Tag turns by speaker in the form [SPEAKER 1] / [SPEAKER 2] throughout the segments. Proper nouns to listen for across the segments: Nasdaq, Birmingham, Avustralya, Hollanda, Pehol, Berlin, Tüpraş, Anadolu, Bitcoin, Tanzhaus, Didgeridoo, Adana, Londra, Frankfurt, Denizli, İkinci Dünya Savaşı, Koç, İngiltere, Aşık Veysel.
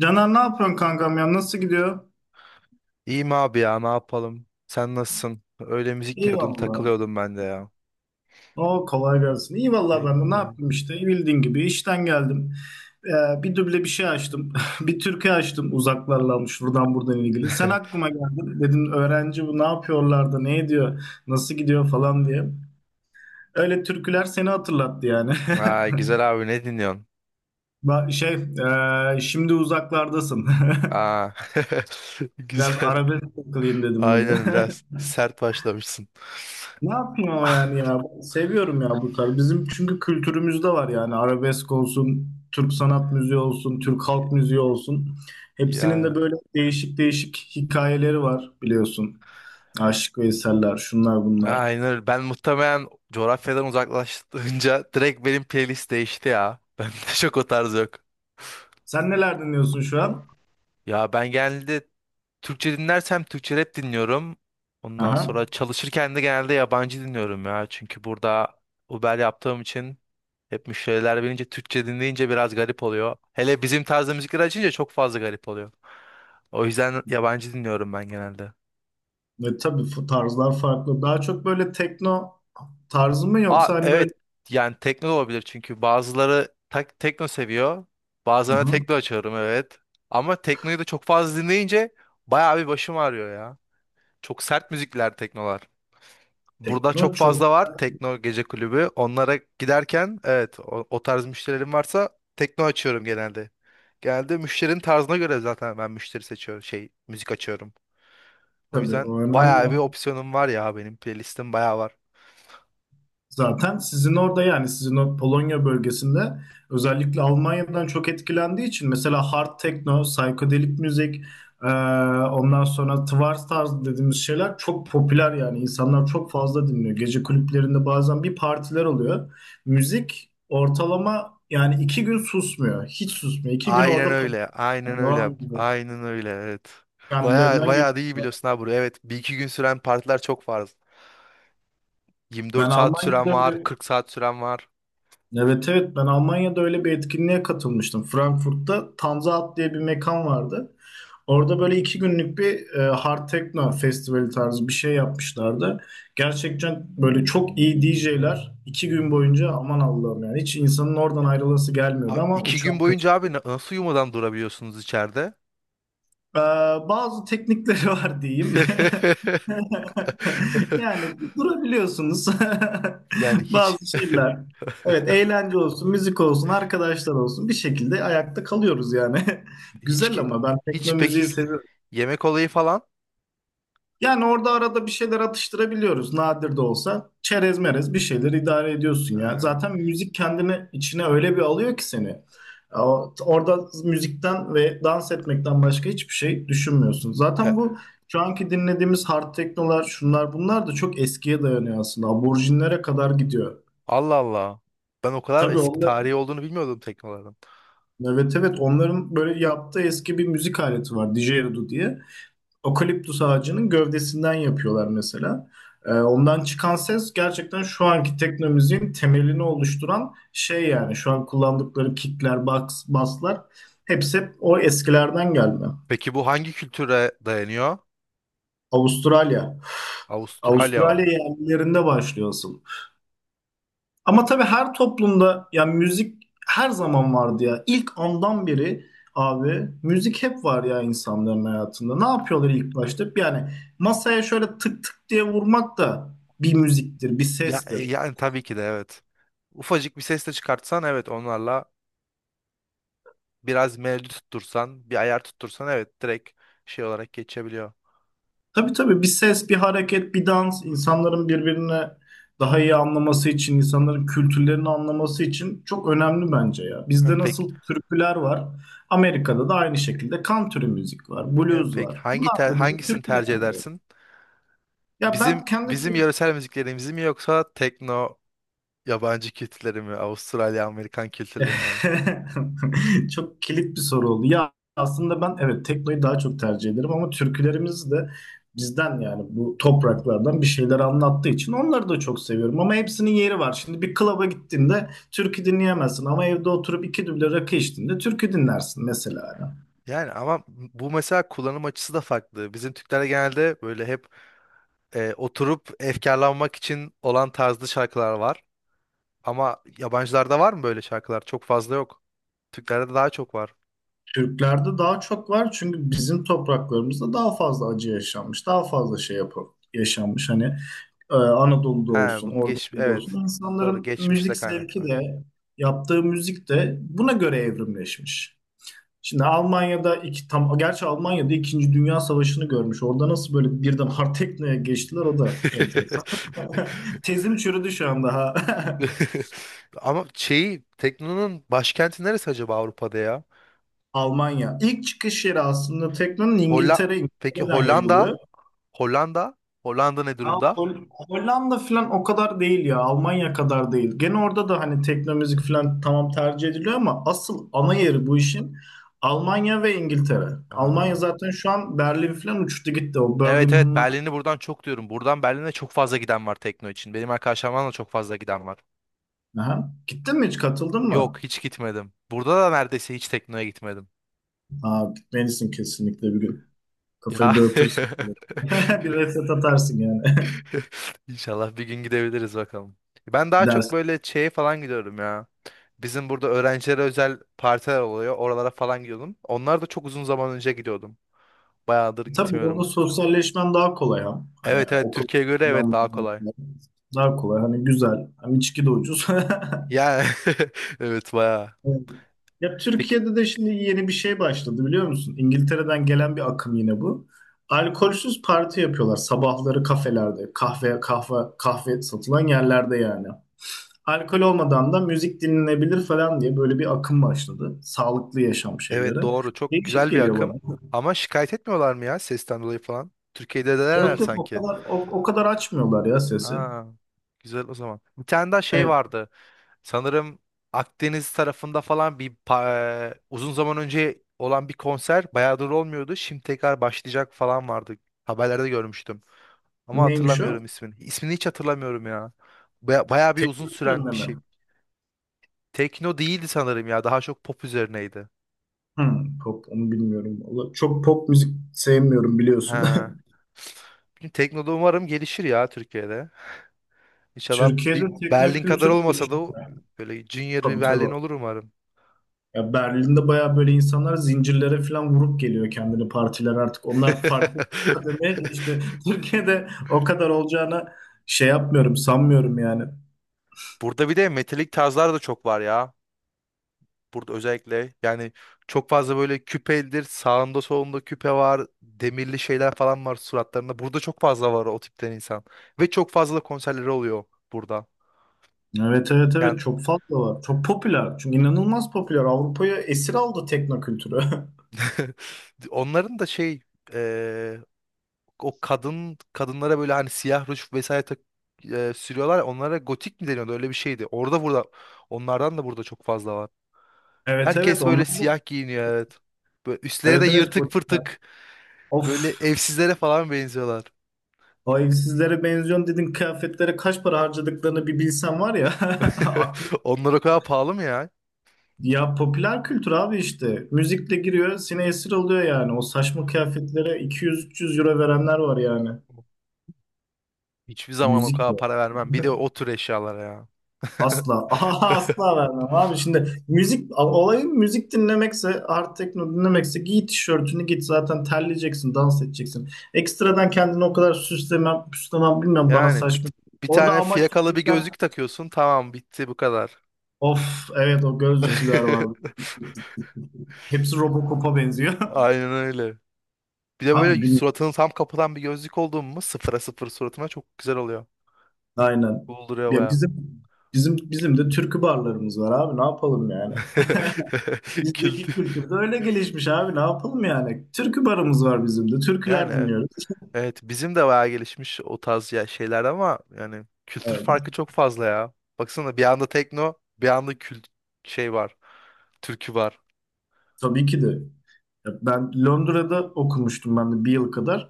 [SPEAKER 1] Caner, ne yapıyorsun kankam ya? Nasıl gidiyor?
[SPEAKER 2] İyiyim abi ya ne yapalım? Sen nasılsın? Öyle müzik
[SPEAKER 1] İyi
[SPEAKER 2] dinliyordum
[SPEAKER 1] valla.
[SPEAKER 2] takılıyordum ben de ya.
[SPEAKER 1] O kolay gelsin. İyi valla, ben de ne
[SPEAKER 2] Eyvallah.
[SPEAKER 1] yaptım işte. Bildiğin gibi işten geldim. Bir duble bir şey açtım. Bir türkü açtım, uzaklarla almış buradan ilgili. Sen aklıma geldin. Dedim öğrenci bu ne yapıyorlar da ne ediyor? Nasıl gidiyor falan diye. Öyle türküler seni hatırlattı yani.
[SPEAKER 2] Aa, güzel abi ne dinliyorsun?
[SPEAKER 1] Şey, şimdi uzaklardasın.
[SPEAKER 2] Aa,
[SPEAKER 1] Biraz
[SPEAKER 2] güzel.
[SPEAKER 1] arabesk takılayım dedim bugün.
[SPEAKER 2] Aynen biraz sert başlamışsın.
[SPEAKER 1] Ne yapayım ama yani, ya seviyorum ya bu tarz. Bizim çünkü kültürümüzde var yani, arabesk olsun, Türk sanat müziği olsun, Türk halk müziği olsun. Hepsinin de
[SPEAKER 2] Ya
[SPEAKER 1] böyle değişik değişik hikayeleri var, biliyorsun. Aşık Veysel'ler, şunlar bunlar.
[SPEAKER 2] aynen ben muhtemelen coğrafyadan uzaklaşınca direkt benim playlist değişti ya. Bende çok o tarz yok.
[SPEAKER 1] Sen neler dinliyorsun şu an?
[SPEAKER 2] Ya ben genelde Türkçe dinlersem Türkçe rap dinliyorum. Ondan sonra
[SPEAKER 1] Aha.
[SPEAKER 2] çalışırken de genelde yabancı dinliyorum ya. Çünkü burada Uber yaptığım için hep müşteriler bilince Türkçe dinleyince biraz garip oluyor. Hele bizim tarzda müzikler açınca çok fazla garip oluyor. O yüzden yabancı dinliyorum ben genelde.
[SPEAKER 1] Ve tabii bu tarzlar farklı. Daha çok böyle tekno tarzı mı,
[SPEAKER 2] Aa
[SPEAKER 1] yoksa hani böyle.
[SPEAKER 2] evet, yani tekno da olabilir çünkü bazıları tak tekno seviyor.
[SPEAKER 1] Hı
[SPEAKER 2] Bazılarına
[SPEAKER 1] hı.
[SPEAKER 2] tekno açıyorum evet. Ama teknoyu da çok fazla dinleyince bayağı bir başım ağrıyor ya. Çok sert müzikler teknolar. Burada çok
[SPEAKER 1] Tekno çok,
[SPEAKER 2] fazla var tekno gece kulübü. Onlara giderken evet o tarz müşterilerim varsa tekno açıyorum genelde. Genelde müşterinin tarzına göre zaten ben müşteri seçiyorum şey müzik açıyorum. O
[SPEAKER 1] tabii
[SPEAKER 2] yüzden
[SPEAKER 1] o
[SPEAKER 2] bayağı bir
[SPEAKER 1] önemli.
[SPEAKER 2] opsiyonum var ya, benim playlistim bayağı var.
[SPEAKER 1] Zaten sizin orada, yani sizin o Polonya bölgesinde, özellikle Almanya'dan çok etkilendiği için mesela hard techno, psychedelic müzik, e, ondan sonra twar tarzı dediğimiz şeyler çok popüler, yani insanlar çok fazla dinliyor. Gece kulüplerinde bazen bir partiler oluyor. Müzik ortalama yani 2 gün susmuyor, hiç susmuyor. 2 gün orada
[SPEAKER 2] Aynen öyle. Aynen
[SPEAKER 1] devam
[SPEAKER 2] öyle.
[SPEAKER 1] ediyor.
[SPEAKER 2] Aynen öyle. Evet. Bayağı
[SPEAKER 1] Kendilerinden
[SPEAKER 2] bayağı da iyi
[SPEAKER 1] geçiyor.
[SPEAKER 2] biliyorsun ha burayı. Evet, bir iki gün süren partiler çok var.
[SPEAKER 1] Ben
[SPEAKER 2] 24 saat süren
[SPEAKER 1] Almanya'da
[SPEAKER 2] var, 40 saat süren var.
[SPEAKER 1] Evet, evet, ben Almanya'da öyle bir etkinliğe katılmıştım. Frankfurt'ta Tanzhaus diye bir mekan vardı. Orada böyle 2 günlük bir Hard Techno festivali tarzı bir şey yapmışlardı. Gerçekten böyle çok iyi DJ'ler 2 gün boyunca, aman Allah'ım, yani hiç insanın oradan ayrılası gelmiyordu
[SPEAKER 2] Abi
[SPEAKER 1] ama
[SPEAKER 2] iki
[SPEAKER 1] uçak.
[SPEAKER 2] gün boyunca abi nasıl uyumadan durabiliyorsunuz içeride?
[SPEAKER 1] Ee, Bazı teknikleri var diyeyim. Yani durabiliyorsunuz.
[SPEAKER 2] Yani hiç
[SPEAKER 1] Bazı şeyler. Evet, eğlence olsun, müzik olsun, arkadaşlar olsun, bir şekilde ayakta kalıyoruz yani.
[SPEAKER 2] hiç
[SPEAKER 1] Güzel
[SPEAKER 2] ki-
[SPEAKER 1] ama ben
[SPEAKER 2] hiç
[SPEAKER 1] tekno müziği
[SPEAKER 2] peki
[SPEAKER 1] seviyorum.
[SPEAKER 2] yemek olayı falan.
[SPEAKER 1] Yani orada arada bir şeyler atıştırabiliyoruz, nadir de olsa. Çerez merez bir şeyler idare ediyorsun ya.
[SPEAKER 2] Ee,
[SPEAKER 1] Zaten müzik kendini içine öyle bir alıyor ki seni. Orada müzikten ve dans etmekten başka hiçbir şey düşünmüyorsun.
[SPEAKER 2] ya-
[SPEAKER 1] Zaten bu şu anki dinlediğimiz hard teknolar, şunlar bunlar da çok eskiye dayanıyor aslında. Aborjinlere kadar gidiyor.
[SPEAKER 2] Allah Allah. Ben o kadar
[SPEAKER 1] Tabii
[SPEAKER 2] eski
[SPEAKER 1] onlar,
[SPEAKER 2] tarihi olduğunu bilmiyordum teknoların.
[SPEAKER 1] evet, evet, onların böyle yaptığı eski bir müzik aleti var. Didgeridoo diye. Okaliptus ağacının gövdesinden yapıyorlar mesela. Ondan çıkan ses gerçekten şu anki teknomüziğin temelini oluşturan şey yani. Şu an kullandıkları kickler, box, basslar, hepsi hep o eskilerden gelme.
[SPEAKER 2] Peki bu hangi kültüre dayanıyor?
[SPEAKER 1] Avustralya.
[SPEAKER 2] Avustralya
[SPEAKER 1] Avustralya
[SPEAKER 2] o.
[SPEAKER 1] yerlilerinde başlıyor asıl. Ama tabii her toplumda yani müzik her zaman vardı ya. İlk andan beri, abi müzik hep var ya insanların hayatında. Ne yapıyorlar ilk başta? Yani masaya şöyle tık tık diye vurmak da bir müziktir, bir
[SPEAKER 2] Ya
[SPEAKER 1] sestir.
[SPEAKER 2] yani tabii ki de evet. Ufacık bir ses de çıkartsan evet, onlarla biraz melodi tuttursan, bir ayar tuttursan evet direkt şey olarak geçebiliyor.
[SPEAKER 1] Tabii, tabii, bir ses, bir hareket, bir dans insanların birbirine daha iyi anlaması için, insanların kültürlerini anlaması için çok önemli bence ya.
[SPEAKER 2] Hem
[SPEAKER 1] Bizde
[SPEAKER 2] peki,
[SPEAKER 1] nasıl türküler var, Amerika'da da aynı şekilde country müzik var,
[SPEAKER 2] yani
[SPEAKER 1] blues
[SPEAKER 2] pek
[SPEAKER 1] var. Bunlar da bizim
[SPEAKER 2] hangisini
[SPEAKER 1] türküler.
[SPEAKER 2] tercih edersin?
[SPEAKER 1] Ya
[SPEAKER 2] Bizim
[SPEAKER 1] ben kendi.
[SPEAKER 2] yöresel müziklerimizi mi, yoksa tekno yabancı kültürleri mi, Avustralya Amerikan kültürlerini mi?
[SPEAKER 1] Çok kilit bir soru oldu. Ya aslında ben evet, teknoyu daha çok tercih ederim ama türkülerimiz de bizden, yani bu topraklardan bir şeyler anlattığı için onları da çok seviyorum. Ama hepsinin yeri var. Şimdi bir klaba gittiğinde türkü dinleyemezsin ama evde oturup 2 düble rakı içtiğinde türkü dinlersin mesela, yani.
[SPEAKER 2] Yani ama bu mesela kullanım açısı da farklı. Bizim Türklerde genelde böyle hep oturup efkarlanmak için olan tarzlı şarkılar var. Ama yabancılarda var mı böyle şarkılar? Çok fazla yok. Türklerde daha çok var.
[SPEAKER 1] Türklerde daha çok var çünkü bizim topraklarımızda daha fazla acı yaşanmış, daha fazla şey yaşanmış. Hani Anadolu'da
[SPEAKER 2] He,
[SPEAKER 1] olsun,
[SPEAKER 2] bunu
[SPEAKER 1] orada
[SPEAKER 2] geç
[SPEAKER 1] burada
[SPEAKER 2] evet.
[SPEAKER 1] olsun
[SPEAKER 2] Doğru,
[SPEAKER 1] insanların
[SPEAKER 2] geçmişle
[SPEAKER 1] müzik zevki
[SPEAKER 2] kaynaklı.
[SPEAKER 1] de yaptığı müzik de buna göre evrimleşmiş. Şimdi Almanya'da iki tam, gerçi Almanya'da İkinci Dünya Savaşı'nı görmüş. Orada nasıl böyle birden hard techno'ya geçtiler, o da enteresan. Tezim çürüdü şu an daha.
[SPEAKER 2] Ama şeyi tekno'nun başkenti neresi acaba Avrupa'da ya?
[SPEAKER 1] Almanya. İlk çıkış yeri aslında tekno'nun
[SPEAKER 2] Holla,
[SPEAKER 1] İngiltere,
[SPEAKER 2] peki
[SPEAKER 1] İngiltere'den yayılıyor.
[SPEAKER 2] Hollanda? Hollanda? Hollanda ne
[SPEAKER 1] Ya
[SPEAKER 2] durumda?
[SPEAKER 1] Hollanda falan o kadar değil ya. Almanya kadar değil. Gene orada da hani tekno müzik falan tamam tercih ediliyor ama asıl ana yeri bu işin Almanya ve İngiltere. Almanya
[SPEAKER 2] Aa.
[SPEAKER 1] zaten şu an Berlin falan uçtu gitti. O
[SPEAKER 2] Evet evet
[SPEAKER 1] Birmingham'la.
[SPEAKER 2] Berlin'i buradan çok diyorum. Buradan Berlin'e çok fazla giden var tekno için. Benim arkadaşlarımdan da çok fazla giden var.
[SPEAKER 1] Aha. Gittin mi, hiç katıldın
[SPEAKER 2] Yok
[SPEAKER 1] mı?
[SPEAKER 2] hiç gitmedim. Burada da neredeyse hiç tekno'ya gitmedim.
[SPEAKER 1] Aa, gitmelisin kesinlikle bir gün.
[SPEAKER 2] Ya
[SPEAKER 1] Kafayı dağıtırsın. Bir reset atarsın yani.
[SPEAKER 2] İnşallah bir gün gidebiliriz bakalım. Ben daha çok
[SPEAKER 1] Gidersin.
[SPEAKER 2] böyle şeye falan gidiyorum ya. Bizim burada öğrencilere özel partiler oluyor. Oralara falan gidiyordum. Onlar da çok uzun zaman önce gidiyordum. Bayağıdır
[SPEAKER 1] Tabii orada
[SPEAKER 2] gitmiyorum.
[SPEAKER 1] sosyalleşmen daha kolay ha. Hani
[SPEAKER 2] Evet evet
[SPEAKER 1] okul
[SPEAKER 2] Türkiye'ye göre evet daha kolay.
[SPEAKER 1] daha kolay. Hani güzel. Hem içki de ucuz.
[SPEAKER 2] Yani evet bayağı.
[SPEAKER 1] Evet. Ya
[SPEAKER 2] Peki
[SPEAKER 1] Türkiye'de de şimdi yeni bir şey başladı, biliyor musun? İngiltere'den gelen bir akım yine bu. Alkolsüz parti yapıyorlar sabahları kafelerde, kahve kahve kahve satılan yerlerde yani. Alkol olmadan da müzik dinlenebilir falan diye böyle bir akım başladı. Sağlıklı yaşam şeyleri.
[SPEAKER 2] evet doğru, çok
[SPEAKER 1] Değişik
[SPEAKER 2] güzel bir
[SPEAKER 1] geliyor
[SPEAKER 2] akım.
[SPEAKER 1] bana.
[SPEAKER 2] Ama şikayet etmiyorlar mı ya sesten dolayı falan? Türkiye'de denerler
[SPEAKER 1] Yok, yok, o
[SPEAKER 2] sanki.
[SPEAKER 1] kadar o kadar açmıyorlar ya sesi.
[SPEAKER 2] Aa, güzel o zaman. Bir tane daha şey
[SPEAKER 1] Evet.
[SPEAKER 2] vardı. Sanırım Akdeniz tarafında falan uzun zaman önce olan bir konser bayağıdır olmuyordu. Şimdi tekrar başlayacak falan vardı. Haberlerde görmüştüm. Ama
[SPEAKER 1] Neymiş o?
[SPEAKER 2] hatırlamıyorum ismini. İsmini hiç hatırlamıyorum ya. Bayağı bir uzun
[SPEAKER 1] Teknik
[SPEAKER 2] süren bir şey.
[SPEAKER 1] yönleme.
[SPEAKER 2] Tekno değildi sanırım ya. Daha çok pop üzerineydi.
[SPEAKER 1] Hmm, pop onu bilmiyorum. Vallahi çok pop müzik sevmiyorum, biliyorsun.
[SPEAKER 2] Ha. Bilmiyorum, tekno da umarım gelişir ya Türkiye'de. İnşallah
[SPEAKER 1] Türkiye'de
[SPEAKER 2] bir Berlin kadar
[SPEAKER 1] teknokültür
[SPEAKER 2] olmasa da
[SPEAKER 1] gelişti.
[SPEAKER 2] böyle junior bir
[SPEAKER 1] Tabii,
[SPEAKER 2] Berlin
[SPEAKER 1] tabii.
[SPEAKER 2] olur umarım.
[SPEAKER 1] Ya Berlin'de bayağı böyle insanlar zincirlere falan vurup geliyor kendini partiler artık. Onlar farklı kademeye geçti. Türkiye'de o kadar olacağını şey yapmıyorum, sanmıyorum yani.
[SPEAKER 2] Burada bir de metalik tarzlar da çok var ya. Burada özellikle yani çok fazla böyle küpelidir. Sağında solunda küpe var. Demirli şeyler falan var suratlarında. Burada çok fazla var o tipten insan. Ve çok fazla da konserleri oluyor burada.
[SPEAKER 1] Evet, evet, evet,
[SPEAKER 2] Yani
[SPEAKER 1] çok fazla var. Çok popüler. Çünkü inanılmaz popüler. Avrupa'ya esir aldı teknokültürü.
[SPEAKER 2] onların da şey, eee, o kadın kadınlara böyle hani siyah ruj vesaire tak, sürüyorlar. Ya, onlara gotik mi deniyordu? Öyle bir şeydi. Orada burada onlardan da burada çok fazla var.
[SPEAKER 1] Evet, evet,
[SPEAKER 2] Herkes böyle
[SPEAKER 1] onlar da.
[SPEAKER 2] siyah giyiniyor evet. Böyle üstleri de
[SPEAKER 1] Evet, evet,
[SPEAKER 2] yırtık
[SPEAKER 1] gotikler.
[SPEAKER 2] pırtık. Böyle
[SPEAKER 1] Of.
[SPEAKER 2] evsizlere falan benziyorlar.
[SPEAKER 1] O evsizlere benziyorsun dedin, kıyafetlere kaç para harcadıklarını bir bilsen var ya. Aklım.
[SPEAKER 2] Onlar o kadar pahalı mı ya?
[SPEAKER 1] Ya popüler kültür abi işte. Müzikle giriyor, seni esir alıyor yani. O saçma kıyafetlere 200-300 euro verenler var yani.
[SPEAKER 2] Hiçbir zaman o kadar
[SPEAKER 1] Müzikle.
[SPEAKER 2] para vermem. Bir de o tür eşyalara ya.
[SPEAKER 1] Asla. Aha, asla vermem abi. Şimdi müzik, olayın müzik dinlemekse, hard techno dinlemekse, giy tişörtünü git, zaten terleyeceksin, dans edeceksin. Ekstradan kendini o kadar süslemem, püslemem, bilmem, bana
[SPEAKER 2] Yani
[SPEAKER 1] saçma.
[SPEAKER 2] bir
[SPEAKER 1] Orada
[SPEAKER 2] tane
[SPEAKER 1] amaç
[SPEAKER 2] fiyakalı bir
[SPEAKER 1] müzikler,
[SPEAKER 2] gözlük takıyorsun. Tamam bitti bu kadar.
[SPEAKER 1] of evet, o gözlüklüler vardı. Hepsi Robocop'a benziyor.
[SPEAKER 2] Aynen öyle. Bir de böyle
[SPEAKER 1] Abi.
[SPEAKER 2] suratını tam kapatan bir gözlük olduğun mu sıfıra sıfır suratına çok güzel oluyor.
[SPEAKER 1] Aynen.
[SPEAKER 2] Cool duruyor
[SPEAKER 1] Ya
[SPEAKER 2] baya.
[SPEAKER 1] bizim de türkü barlarımız var abi, ne yapalım yani.
[SPEAKER 2] Kült.
[SPEAKER 1] Bizdeki kültür de öyle gelişmiş abi, ne yapalım yani. Türkü barımız var bizim de. Türküler
[SPEAKER 2] Yani
[SPEAKER 1] dinliyoruz.
[SPEAKER 2] evet, bizim de bayağı gelişmiş o tarz ya şeyler, ama yani kültür
[SPEAKER 1] Evet.
[SPEAKER 2] farkı çok fazla ya. Baksana bir anda tekno bir anda kült şey var. Türkü var.
[SPEAKER 1] Tabii ki de. Ya ben Londra'da okumuştum ben de bir yıl kadar.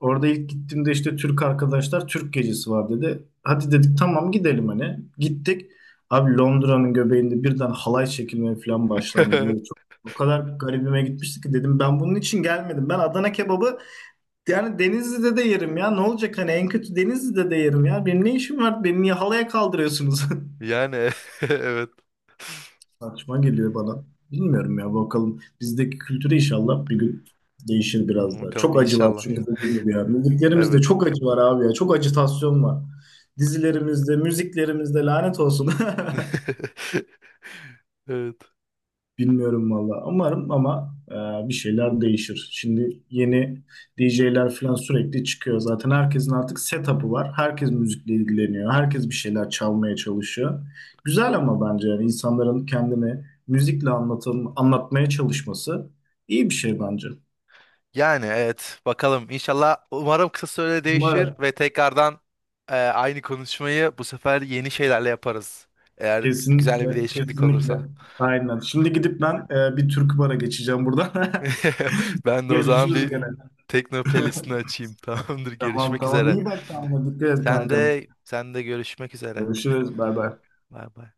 [SPEAKER 1] Orada ilk gittiğimde işte Türk arkadaşlar Türk gecesi var dedi. Hadi dedik tamam, gidelim hani. Gittik. Abi, Londra'nın göbeğinde birden halay çekilmeye falan başlandı. Böyle çok o kadar garibime gitmişti ki dedim ben bunun için gelmedim. Ben Adana kebabı. Yani Denizli'de de yerim ya. Ne olacak hani en kötü Denizli'de de yerim ya. Benim ne işim var? Beni niye halaya kaldırıyorsunuz?
[SPEAKER 2] Yani evet.
[SPEAKER 1] Saçma geliyor bana. Bilmiyorum ya, bakalım. Bizdeki kültürü inşallah bir gün değişir biraz daha.
[SPEAKER 2] Bakalım
[SPEAKER 1] Çok acı var
[SPEAKER 2] inşallah.
[SPEAKER 1] çünkü dediğim gibi ya. Müziklerimizde
[SPEAKER 2] Evet.
[SPEAKER 1] çok acı var abi ya. Çok acitasyon var. Dizilerimizde, müziklerimizde lanet olsun.
[SPEAKER 2] Evet.
[SPEAKER 1] Bilmiyorum valla. Umarım ama bir şeyler değişir. Şimdi yeni DJ'ler falan sürekli çıkıyor. Zaten herkesin artık setup'ı var. Herkes müzikle ilgileniyor. Herkes bir şeyler çalmaya çalışıyor. Güzel ama bence yani insanların kendini müzikle anlatım, anlatmaya çalışması iyi bir şey bence.
[SPEAKER 2] Yani evet bakalım inşallah umarım kısa sürede değişir
[SPEAKER 1] Umarım.
[SPEAKER 2] ve tekrardan aynı konuşmayı bu sefer yeni şeylerle yaparız. Eğer güzel bir
[SPEAKER 1] Kesinlikle,
[SPEAKER 2] değişiklik
[SPEAKER 1] kesinlikle.
[SPEAKER 2] olursa.
[SPEAKER 1] Aynen. Şimdi gidip ben bir türkü bara geçeceğim buradan.
[SPEAKER 2] Ben de o zaman
[SPEAKER 1] Görüşürüz
[SPEAKER 2] bir
[SPEAKER 1] gene.
[SPEAKER 2] tekno playlistini açayım. Tamamdır.
[SPEAKER 1] Tamam,
[SPEAKER 2] Görüşmek
[SPEAKER 1] tamam.
[SPEAKER 2] üzere.
[SPEAKER 1] İyi bak kendine. Dikkat et kankam.
[SPEAKER 2] Sen de görüşmek üzere.
[SPEAKER 1] Görüşürüz. Bay bay.
[SPEAKER 2] Bay bay.